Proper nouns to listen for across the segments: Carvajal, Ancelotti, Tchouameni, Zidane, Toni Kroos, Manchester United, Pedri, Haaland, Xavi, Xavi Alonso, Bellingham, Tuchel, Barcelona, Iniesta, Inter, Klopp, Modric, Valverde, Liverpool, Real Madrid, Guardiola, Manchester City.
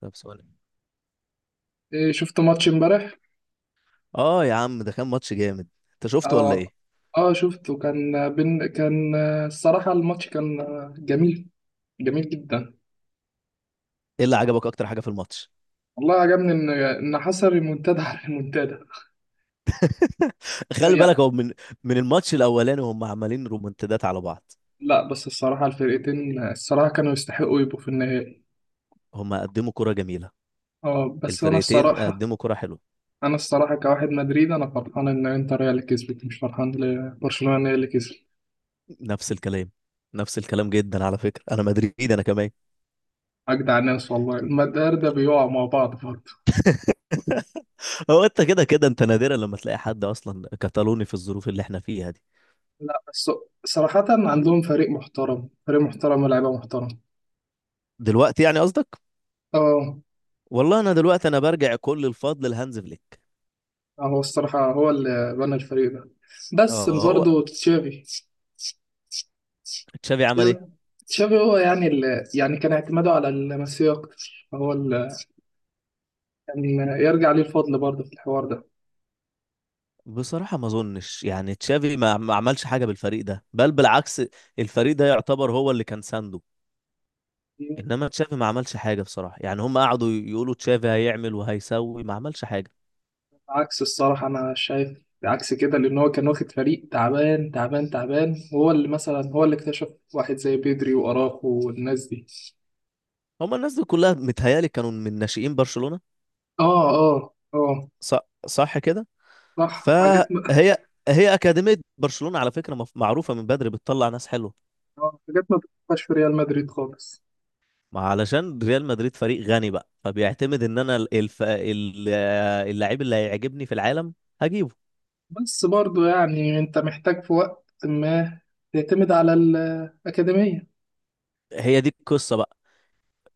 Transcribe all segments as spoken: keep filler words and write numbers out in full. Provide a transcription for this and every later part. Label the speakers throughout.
Speaker 1: طب سؤال.
Speaker 2: إيه، شفت ماتش امبارح.
Speaker 1: اه يا عم، ده كان ماتش جامد. انت شفته ولا
Speaker 2: اه.
Speaker 1: ايه؟
Speaker 2: اه شفته كان بين كان آه، الصراحة الماتش كان آه، جميل، جميل جدا.
Speaker 1: ايه اللي عجبك اكتر حاجه في الماتش؟
Speaker 2: والله عجبني ان ان حصل ريمونتادا على ريمونتادا. آه،
Speaker 1: خلي
Speaker 2: يع-
Speaker 1: بالك، هو من من الماتش الاولاني هم عمالين رومنتدات على بعض.
Speaker 2: لا، بس الصراحة الفرقتين، آه، الصراحة كانوا يستحقوا يبقوا في النهائي.
Speaker 1: هم قدموا كرة جميلة.
Speaker 2: اه، بس انا
Speaker 1: الفرقتين
Speaker 2: الصراحة،
Speaker 1: قدموا كرة حلوة.
Speaker 2: انا الصراحة كواحد مدريد انا فرحان ان انتر هي اللي كسبت، مش فرحان لبرشلونة هي اللي كسبت.
Speaker 1: نفس الكلام. نفس الكلام جدا، على فكرة انا مدريد انا كمان.
Speaker 2: اجدع ناس والله المدار ده بيقعوا مع بعض برضه.
Speaker 1: هو انت كده كده، انت نادرا لما تلاقي حد اصلا كتالوني في الظروف اللي احنا فيها دي.
Speaker 2: لا، بس صراحة عندهم فريق محترم، فريق محترم ولاعيبة محترم.
Speaker 1: دلوقتي يعني قصدك؟
Speaker 2: اه.
Speaker 1: والله انا دلوقتي انا برجع كل الفضل لهانز فليك.
Speaker 2: هو الصراحة هو اللي بنى الفريق ده، بس
Speaker 1: اه هو.
Speaker 2: برضه تشافي.
Speaker 1: تشافي عمل ايه؟
Speaker 2: تشافي هو يعني اللي يعني كان اعتماده على الميسي أكتر، هو اللي كان يرجع ليه الفضل برضه في الحوار ده.
Speaker 1: بصراحة ما اظنش يعني تشافي ما ما عملش حاجة بالفريق ده، بل بالعكس. الفريق ده يعتبر هو اللي كان سانده. انما تشافي ما عملش حاجة بصراحة، يعني هم قعدوا يقولوا تشافي هيعمل وهيسوي، ما عملش حاجة.
Speaker 2: عكس الصراحة أنا شايف، عكس كده، لأن هو كان واخد فريق تعبان تعبان تعبان. هو اللي مثلا هو اللي اكتشف واحد زي بيدري وأراخو والناس دي.
Speaker 1: هم الناس دي كلها متهيألي كانوا من ناشئين برشلونة.
Speaker 2: اه، اه، اه.
Speaker 1: صح، صح كده.
Speaker 2: صح. حاجات
Speaker 1: فهي،
Speaker 2: ما
Speaker 1: هي أكاديمية برشلونة على فكرة، مف- معروفة من بدري، بتطلع ناس حلوة.
Speaker 2: آه، حاجات ما بتبقاش في ريال مدريد خالص.
Speaker 1: ما علشان ريال مدريد فريق غني بقى، فبيعتمد ان انا الف... ال- اللعيب اللي هيعجبني في العالم هجيبه.
Speaker 2: بس برضو يعني انت محتاج في وقت ما تعتمد على الأكاديمية.
Speaker 1: هي دي القصة بقى.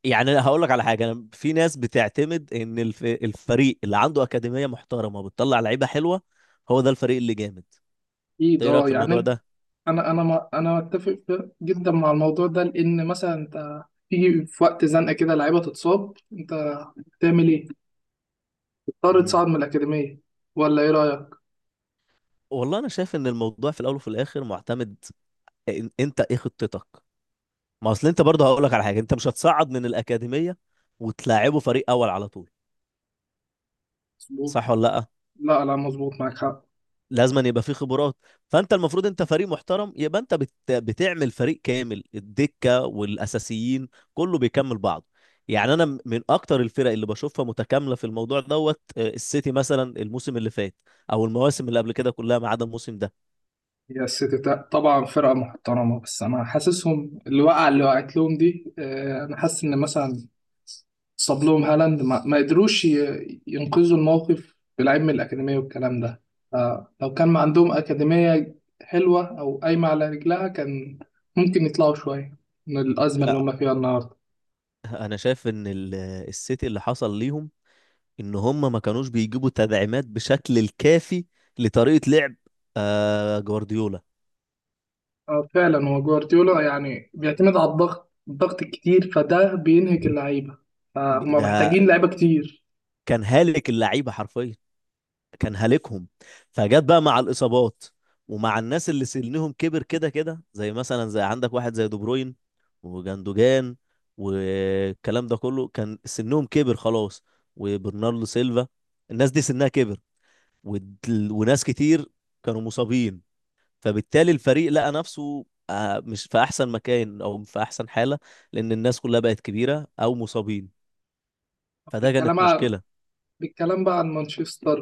Speaker 1: يعني أنا هقول لك على حاجه، أنا في ناس بتعتمد ان الف... الفريق اللي عنده اكاديميه محترمه وبتطلع لعيبه حلوه، هو ده الفريق اللي جامد. انت
Speaker 2: أكيد
Speaker 1: ايه رايك
Speaker 2: اه،
Speaker 1: في
Speaker 2: يعني
Speaker 1: الموضوع
Speaker 2: انت-
Speaker 1: ده؟
Speaker 2: انا انا ما انا متفق جدا مع الموضوع ده، لأن مثلا انت تيجي في وقت زنقة كده، لعيبة تتصاب، انت تعمل ايه؟ تضطر
Speaker 1: امم
Speaker 2: تصعد من الأكاديمية، ولا ايه رأيك؟
Speaker 1: والله انا شايف ان الموضوع في الاول وفي الاخر معتمد. إن... انت ايه خطتك؟ ما اصل انت برضه هقول لك على حاجه، انت مش هتصعد من الاكاديميه وتلاعبه فريق اول على طول.
Speaker 2: مظبوط.
Speaker 1: صح ولا لا؟
Speaker 2: لا لا، مظبوط، معاك حق.
Speaker 1: لازم أن يبقى فيه خبرات. فانت المفروض انت فريق محترم، يبقى انت بت... بتعمل فريق كامل، الدكه والاساسيين، كله بيكمل بعضه. يعني انا م- من اكتر الفرق اللي بشوفها متكامله في الموضوع دوت، آه، السيتي مثلا الموسم اللي فات، او المواسم اللي قبل كده كلها ما عدا الموسم ده.
Speaker 2: هي السيتي تا- طبعا فرقة محترمة، بس أنا حاسسهم الوقعة اللي وقعت لهم دي، آه، أنا حاسس إن مثلا صاب لهم هالاند ما, ما قدروش ي- ينقذوا الموقف بلعيب من الأكاديمية والكلام ده. آه، لو كان ما عندهم أكاديمية حلوة أو قايمة على رجلها، كان ممكن يطلعوا شوية من الأزمة اللي
Speaker 1: لا
Speaker 2: هم فيها النهاردة.
Speaker 1: انا شايف ان ال- السيتي اللي حصل ليهم ان هم ما كانوش بيجيبوا تدعيمات بشكل الكافي لطريقه لعب آه جوارديولا.
Speaker 2: آه، فعلا هو جوارديولا يعني بيعتمد على الضغط الضغط الكتير، فده بينهك اللعيبة،
Speaker 1: ب-
Speaker 2: فهم
Speaker 1: ده
Speaker 2: محتاجين لعيبة كتير.
Speaker 1: كان هالك اللعيبه حرفيا، كان هالكهم. فجت بقى مع الاصابات، ومع الناس اللي سنهم كبر كده كده، زي مثلا زي عندك واحد زي دي بروين وجندوجان، والكلام ده كله كان سنهم كبر خلاص، وبرناردو سيلفا. الناس دي سنها كبر، ود- وناس كتير كانوا مصابين. فبالتالي الفريق لقى نفسه آه، مش في احسن مكان او في احسن حالة، لان الناس كلها بقت كبيرة او مصابين. فده
Speaker 2: الكلام
Speaker 1: كانت مشكلة.
Speaker 2: بالكلام بقى عن مانشستر.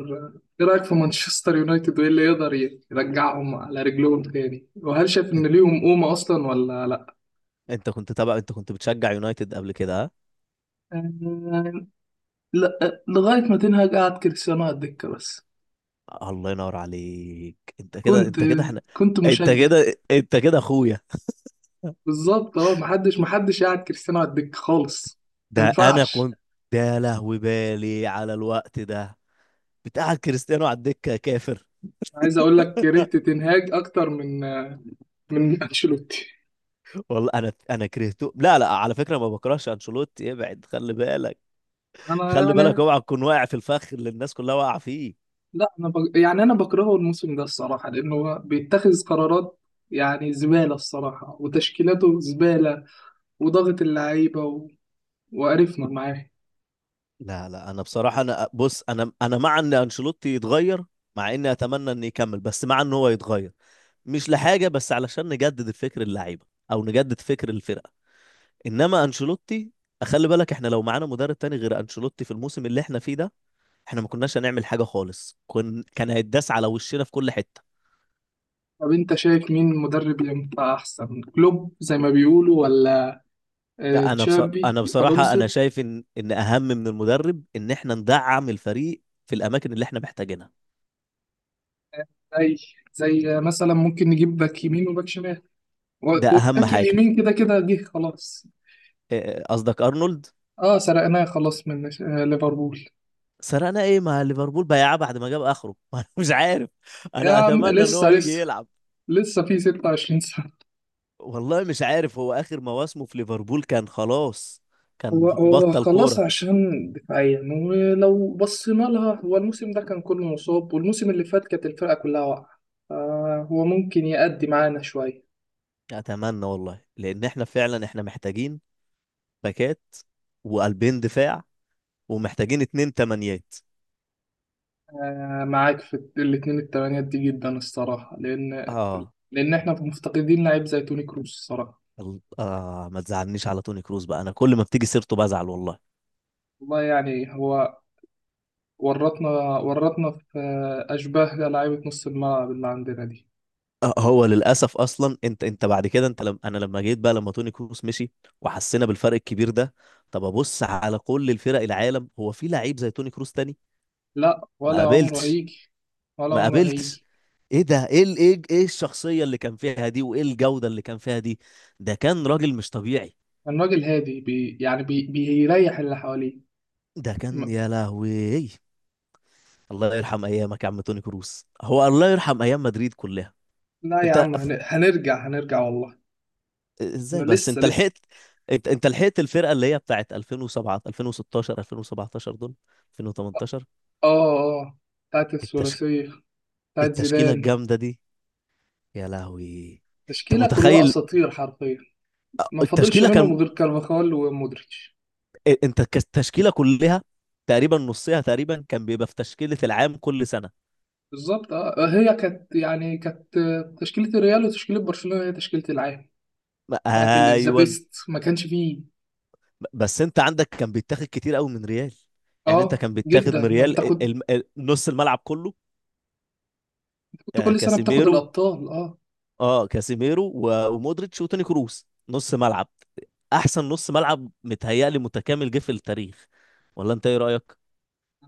Speaker 2: ايه رأيك في مانشستر يونايتد، وايه اللي يقدر يرجعهم على رجلهم تاني، وهل شايف ان
Speaker 1: انت،
Speaker 2: ليهم قومة اصلا ولا لا؟
Speaker 1: أنت كنت تبع انت كنت بتشجع يونايتد قبل كده، ها؟
Speaker 2: آه، لا، لغاية ما تنهج قعد كريستيانو على الدكة بس.
Speaker 1: الله ينور عليك، انت كده
Speaker 2: كنت،
Speaker 1: انت كده احنا.
Speaker 2: كنت
Speaker 1: انت
Speaker 2: مشجع.
Speaker 1: كده انت كده اخويا.
Speaker 2: بالظبط اه، محدش محدش قعد كريستيانو على الدكة خالص. ما
Speaker 1: ده انا
Speaker 2: ينفعش.
Speaker 1: كنت، ده لهوي بالي على الوقت ده بتاع كريستيانو على الدكه، كافر.
Speaker 2: عايز اقول لك كرهت تنهاج اكتر من من انشيلوتي.
Speaker 1: والله انا انا كرهته. لا لا، على فكره ما بكرهش انشيلوتي، ابعد خلي بالك.
Speaker 2: انا
Speaker 1: خلي بالك
Speaker 2: يعني،
Speaker 1: اوعى تكون واقع في الفخ اللي الناس كلها واقعه فيه.
Speaker 2: لا انا بج... يعني انا بكرهه الموسم ده الصراحه، لانه هو بيتخذ قرارات يعني زباله الصراحه، وتشكيلاته زباله، وضغط اللعيبه و... وقرفنا معاه.
Speaker 1: لا لا، انا بصراحه انا بص، انا انا مع ان انشيلوتي يتغير، مع اني اتمنى انه يكمل، بس مع ان هو يتغير. مش لحاجه، بس علشان نجدد الفكر اللعيبه او نجدد فكر الفرقه. انما انشيلوتي، خلي بالك احنا لو معانا مدرب تاني غير انشيلوتي في الموسم اللي احنا فيه ده، احنا ما كناش هنعمل حاجه خالص، كن كان هيتداس على وشنا في كل حته.
Speaker 2: طب انت شايف مين مدرب ينفع احسن؟ كلوب زي ما بيقولوا، ولا آه،
Speaker 1: لا انا بصر...
Speaker 2: تشابي
Speaker 1: انا بصراحه انا
Speaker 2: الونسو؟
Speaker 1: شايف ان ان اهم من المدرب ان احنا ندعم الفريق في الاماكن اللي احنا محتاجينها.
Speaker 2: زي زي مثلا ممكن نجيب باك يمين وباك شمال. و-
Speaker 1: ده اهم
Speaker 2: والباك
Speaker 1: حاجه.
Speaker 2: اليمين كده كده جه خلاص.
Speaker 1: إيه- قصدك ارنولد؟
Speaker 2: اه، سرقناه خلاص من آه، ليفربول.
Speaker 1: سرقنا ايه مع ليفربول، بياع بعد ما جاب اخره. انا مش عارف.
Speaker 2: يا
Speaker 1: انا
Speaker 2: عم
Speaker 1: اتمنى ان هو
Speaker 2: لسه،
Speaker 1: يجي
Speaker 2: لسه
Speaker 1: يلعب.
Speaker 2: لسه في ستة وعشرين سنة.
Speaker 1: والله مش عارف، هو اخر مواسمه في ليفربول كان خلاص، كان
Speaker 2: هو هو
Speaker 1: بطل
Speaker 2: خلاص،
Speaker 1: كوره.
Speaker 2: عشان دفاعيا ولو بصينا لها، هو الموسم ده كان كله مصاب، والموسم اللي فات كانت الفرقة كلها واقعة. آه، هو ممكن يأدي معانا شوية.
Speaker 1: اتمنى والله، لان احنا فعلا احنا محتاجين باكات وقلبين دفاع، ومحتاجين اتنين تمانيات.
Speaker 2: آه، معاك في الاتنين التمانيات دي جدا الصراحة، لأن
Speaker 1: اه
Speaker 2: لأن احنا مفتقدين لعيب زي توني كروس الصراحة.
Speaker 1: ال- اه ما تزعلنيش على توني كروز بقى، انا كل ما بتيجي سيرته بزعل والله.
Speaker 2: والله يعني هو ورطنا، ورطنا في آه، أشباه لعيبة نص الملعب اللي عندنا دي.
Speaker 1: آه هو للاسف اصلا، انت انت بعد كده، انت لم انا لما جيت بقى لما توني كروز مشي وحسينا بالفرق الكبير ده. طب ابص على كل الفرق العالم، هو في لعيب زي توني كروز تاني؟
Speaker 2: لا،
Speaker 1: ما
Speaker 2: ولا عمره
Speaker 1: قابلتش.
Speaker 2: هيجي، ولا
Speaker 1: ما
Speaker 2: عمره
Speaker 1: قابلتش.
Speaker 2: هيجي.
Speaker 1: ايه ده ايه ال- ايه ايه الشخصيه اللي كان فيها دي، وايه الجوده اللي كان فيها دي، ده كان راجل مش طبيعي.
Speaker 2: الراجل هادي، بي يعني بي بيريح اللي حواليه.
Speaker 1: ده كان
Speaker 2: م-
Speaker 1: يا لهوي. الله يرحم ايامك يا عم توني كروس، هو الله يرحم ايام مدريد كلها.
Speaker 2: لا يا
Speaker 1: انت
Speaker 2: عم،
Speaker 1: ف-
Speaker 2: هن- هنرجع، هنرجع والله. انا
Speaker 1: ازاي بس
Speaker 2: لسه،
Speaker 1: انت
Speaker 2: لسه.
Speaker 1: لحقت؟ انت انت لحقت الفرقه اللي هي بتاعت ألفين وسبعة، ألفين وستاشر، ألفين وسبعتاشر دول، ألفين وتمنتاشر،
Speaker 2: اه، اه. بتاعت
Speaker 1: التش...
Speaker 2: الثلاثية، بتاعت
Speaker 1: التشكيله
Speaker 2: زيدان.
Speaker 1: الجامده دي، يا لهوي. انت
Speaker 2: تشكيلة كلها
Speaker 1: متخيل؟
Speaker 2: اساطير حرفيا، ما فاضلش
Speaker 1: التشكيله كان،
Speaker 2: منهم غير كارفاخال ومودريتش.
Speaker 1: انت ك- التشكيله كلها تقريبا، نصها تقريبا كان بيبقى في تشكيله العام كل سنه.
Speaker 2: بالظبط اه، آه، هي كانت يعني كانت آه، تشكيلة الريال وتشكيلة برشلونة هي تشكيلة العام،
Speaker 1: ما-
Speaker 2: بتاعت ال- ذا
Speaker 1: ايوه،
Speaker 2: بيست ما كانش فيه.
Speaker 1: بس انت عندك كان بيتاخد كتير قوي من ريال، يعني انت
Speaker 2: اه
Speaker 1: كان بيتاخد من
Speaker 2: جدا، ما انت
Speaker 1: ريال ال-
Speaker 2: كنت
Speaker 1: ال- ال- نص الملعب كله.
Speaker 2: كنت
Speaker 1: آه،
Speaker 2: كل سنة بتاخد
Speaker 1: كاسيميرو.
Speaker 2: الابطال اه.
Speaker 1: اه، كاسيميرو و- ومودريتش وتوني كروس نص ملعب. احسن نص ملعب متهيألي متكامل جه في التاريخ، ولا انت ايه رأيك؟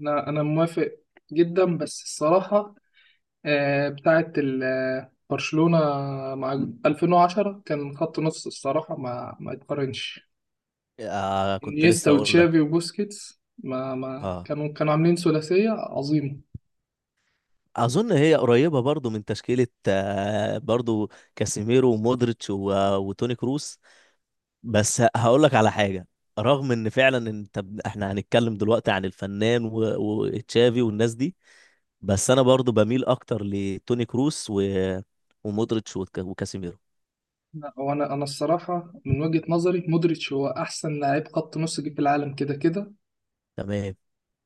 Speaker 2: انا، انا موافق جدا، بس الصراحة آه، بتاعة ال- آه، برشلونة مع ألفين وعشرة كان خط نص الصراحة ما ما يتقارنش.
Speaker 1: آه كنت
Speaker 2: انيستا
Speaker 1: لسه اقول لك.
Speaker 2: وتشافي وبوسكيتس ما ما
Speaker 1: اه،
Speaker 2: كانوا كانوا عاملين ثلاثية عظيمة.
Speaker 1: اظن هي قريبة برضو من تشكيلة، آه برضو كاسيميرو ومودريتش و- آه، وتوني كروس. بس هقول لك على حاجه، رغم ان فعلا انت ب- احنا هنتكلم دلوقتي عن الفنان و- وتشافي والناس دي، بس انا برضو بميل اكتر لتوني كروس و... ومودريتش وك... وكاسيميرو.
Speaker 2: لا، وانا انا الصراحة من وجهة نظري مودريتش هو احسن لاعب خط نص جه في العالم كده كده.
Speaker 1: تمام.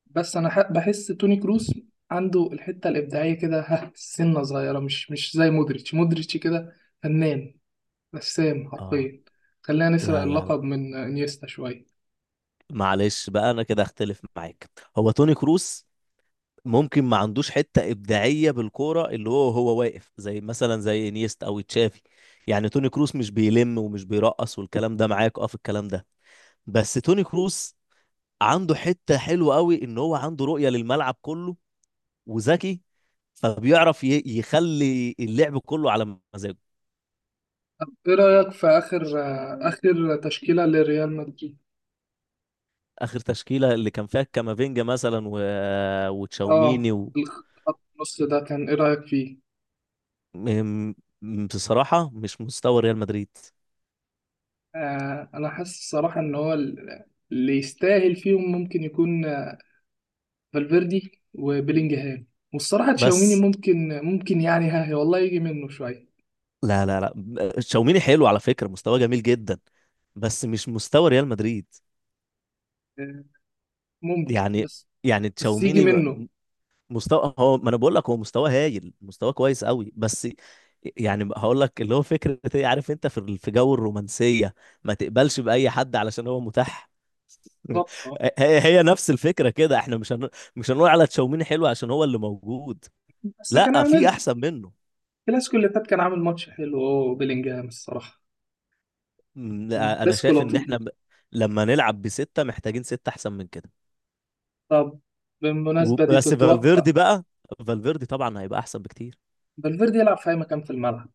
Speaker 2: بس انا ح- بحس توني كروس عنده الحتة الإبداعية كده ها، سنة صغيرة، مش مش زي مودريتش. مودريتش كده فنان، رسام
Speaker 1: اه.
Speaker 2: حرفيا. خلينا نسرق
Speaker 1: لا لا لا،
Speaker 2: اللقب من انيستا شوية.
Speaker 1: معلش بقى انا كده اختلف معاك. هو توني كروس ممكن ما عندوش حته ابداعيه بالكوره، اللي هو هو واقف زي مثلا زي انيستا او تشافي. يعني توني كروس مش بيلم ومش بيرقص والكلام ده، معاك اه في الكلام ده، بس توني كروس عنده حته حلوه قوي ان هو عنده رؤيه للملعب كله وذكي، فبيعرف ي- يخلي اللعب كله على مزاجه.
Speaker 2: طب ايه رأيك في آخر، آخر تشكيلة لريال مدريد؟
Speaker 1: اخر تشكيله اللي كان فيها كامافينجا مثلا، و...
Speaker 2: اه،
Speaker 1: وتشاوميني و...
Speaker 2: الخط النص ده كان ايه رأيك فيه؟
Speaker 1: م- م- بصراحه مش مستوى ريال مدريد.
Speaker 2: آه انا حاسس الصراحة ان هو ال- اللي يستاهل فيهم ممكن يكون آه، فالفيردي وبيلينجهام، والصراحة تشاوميني
Speaker 1: بس،
Speaker 2: ممكن، ممكن يعني ها والله يجي منه شوية.
Speaker 1: لا لا لا، تشاوميني حلو على فكره، مستوى جميل جدا، بس مش مستوى ريال مدريد.
Speaker 2: آه، ممكن،
Speaker 1: يعني،
Speaker 2: بس.
Speaker 1: يعني
Speaker 2: بس يجي
Speaker 1: تشاوميني
Speaker 2: منه.
Speaker 1: مستوى هو، ما انا بقول لك، هو مستوى هايل، مستوى كويس قوي. بس يعني هقول لك اللي هو فكره، ايه عارف انت، في في جو الرومانسيه ما تقبلش باي حد علشان هو متاح.
Speaker 2: بالظبط اه.
Speaker 1: هي هي نفس الفكره كده، احنا مش هن... مش هنقول على تشاوميني حلو عشان هو اللي موجود.
Speaker 2: بس كان
Speaker 1: لا، في
Speaker 2: عامل
Speaker 1: احسن منه.
Speaker 2: الكلاسيكو اللي فات، كان عامل ماتش حلو. اه، بيلينجهام الصراحة
Speaker 1: م،
Speaker 2: كان
Speaker 1: لا، انا
Speaker 2: كلاسيكو
Speaker 1: شايف ان
Speaker 2: لطيف.
Speaker 1: احنا ب... لما نلعب بسته محتاجين سته احسن من كده.
Speaker 2: طب بالمناسبة دي
Speaker 1: وبس
Speaker 2: تتوقع،
Speaker 1: فالفيردي بقى. فالفيردي طبعا هيبقى احسن بكتير.
Speaker 2: فالفيردي يلعب في اي مكان في الملعب.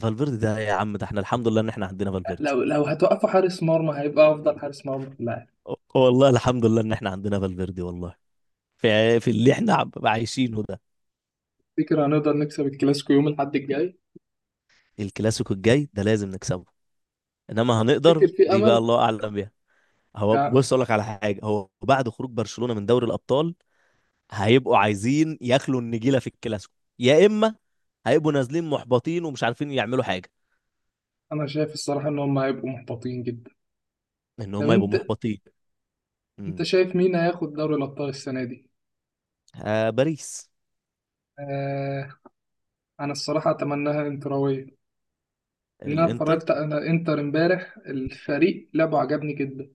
Speaker 1: فالفيردي ده يا عم، ده احنا الحمد لله ان احنا عندنا فالفيردي،
Speaker 2: لو لو هتوقفه حارس مرمى هيبقى افضل حارس مرمى في اللاعب.
Speaker 1: والله الحمد لله ان احنا عندنا فالفيردي، والله في في اللي احنا عب- عايشينه ده.
Speaker 2: فكر هنقدر نكسب الكلاسيكو يوم الاحد الجاي؟
Speaker 1: الكلاسيكو الجاي ده لازم نكسبه. انما هنقدر
Speaker 2: فكر في
Speaker 1: دي بقى
Speaker 2: امل.
Speaker 1: الله اعلم بيها. هو
Speaker 2: يعني
Speaker 1: بص، اقول لك على حاجه، هو بعد خروج برشلونه من دوري الابطال هيبقوا عايزين ياكلوا النجيله في الكلاسيكو، يا اما هيبقوا نازلين محبطين ومش عارفين يعملوا حاجه.
Speaker 2: انا شايف الصراحه ان هم هيبقوا محبطين جدا.
Speaker 1: ان
Speaker 2: طب
Speaker 1: هم يبقوا
Speaker 2: انت،
Speaker 1: محبطين.
Speaker 2: انت
Speaker 1: امم.
Speaker 2: شايف مين هياخد دوري الابطال السنه دي؟
Speaker 1: آه باريس.
Speaker 2: آه، انا الصراحه اتمناها انتراويه. ان انا
Speaker 1: الانتر.
Speaker 2: اتفرجت على انتر امبارح، الفريق لعبه عجبني جدا.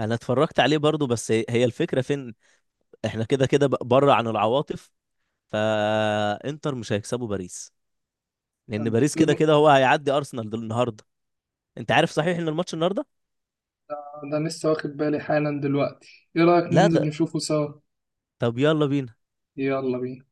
Speaker 1: انا اتفرجت عليه برضو، بس هي هي الفكره فين؟ احنا كده كده بره عن العواطف، فانتر مش هيكسبوا باريس، لان
Speaker 2: طب
Speaker 1: باريس كده
Speaker 2: بم-
Speaker 1: كده هو هيعدي ارسنال دل- النهارده. انت عارف صحيح ان الماتش النهارده؟
Speaker 2: ده، ده أنا لسه واخد بالي حالا دلوقتي، ايه رايك
Speaker 1: لا
Speaker 2: ننزل
Speaker 1: ده،
Speaker 2: نشوفه سوا؟
Speaker 1: طب يلا بينا.
Speaker 2: يلا بينا.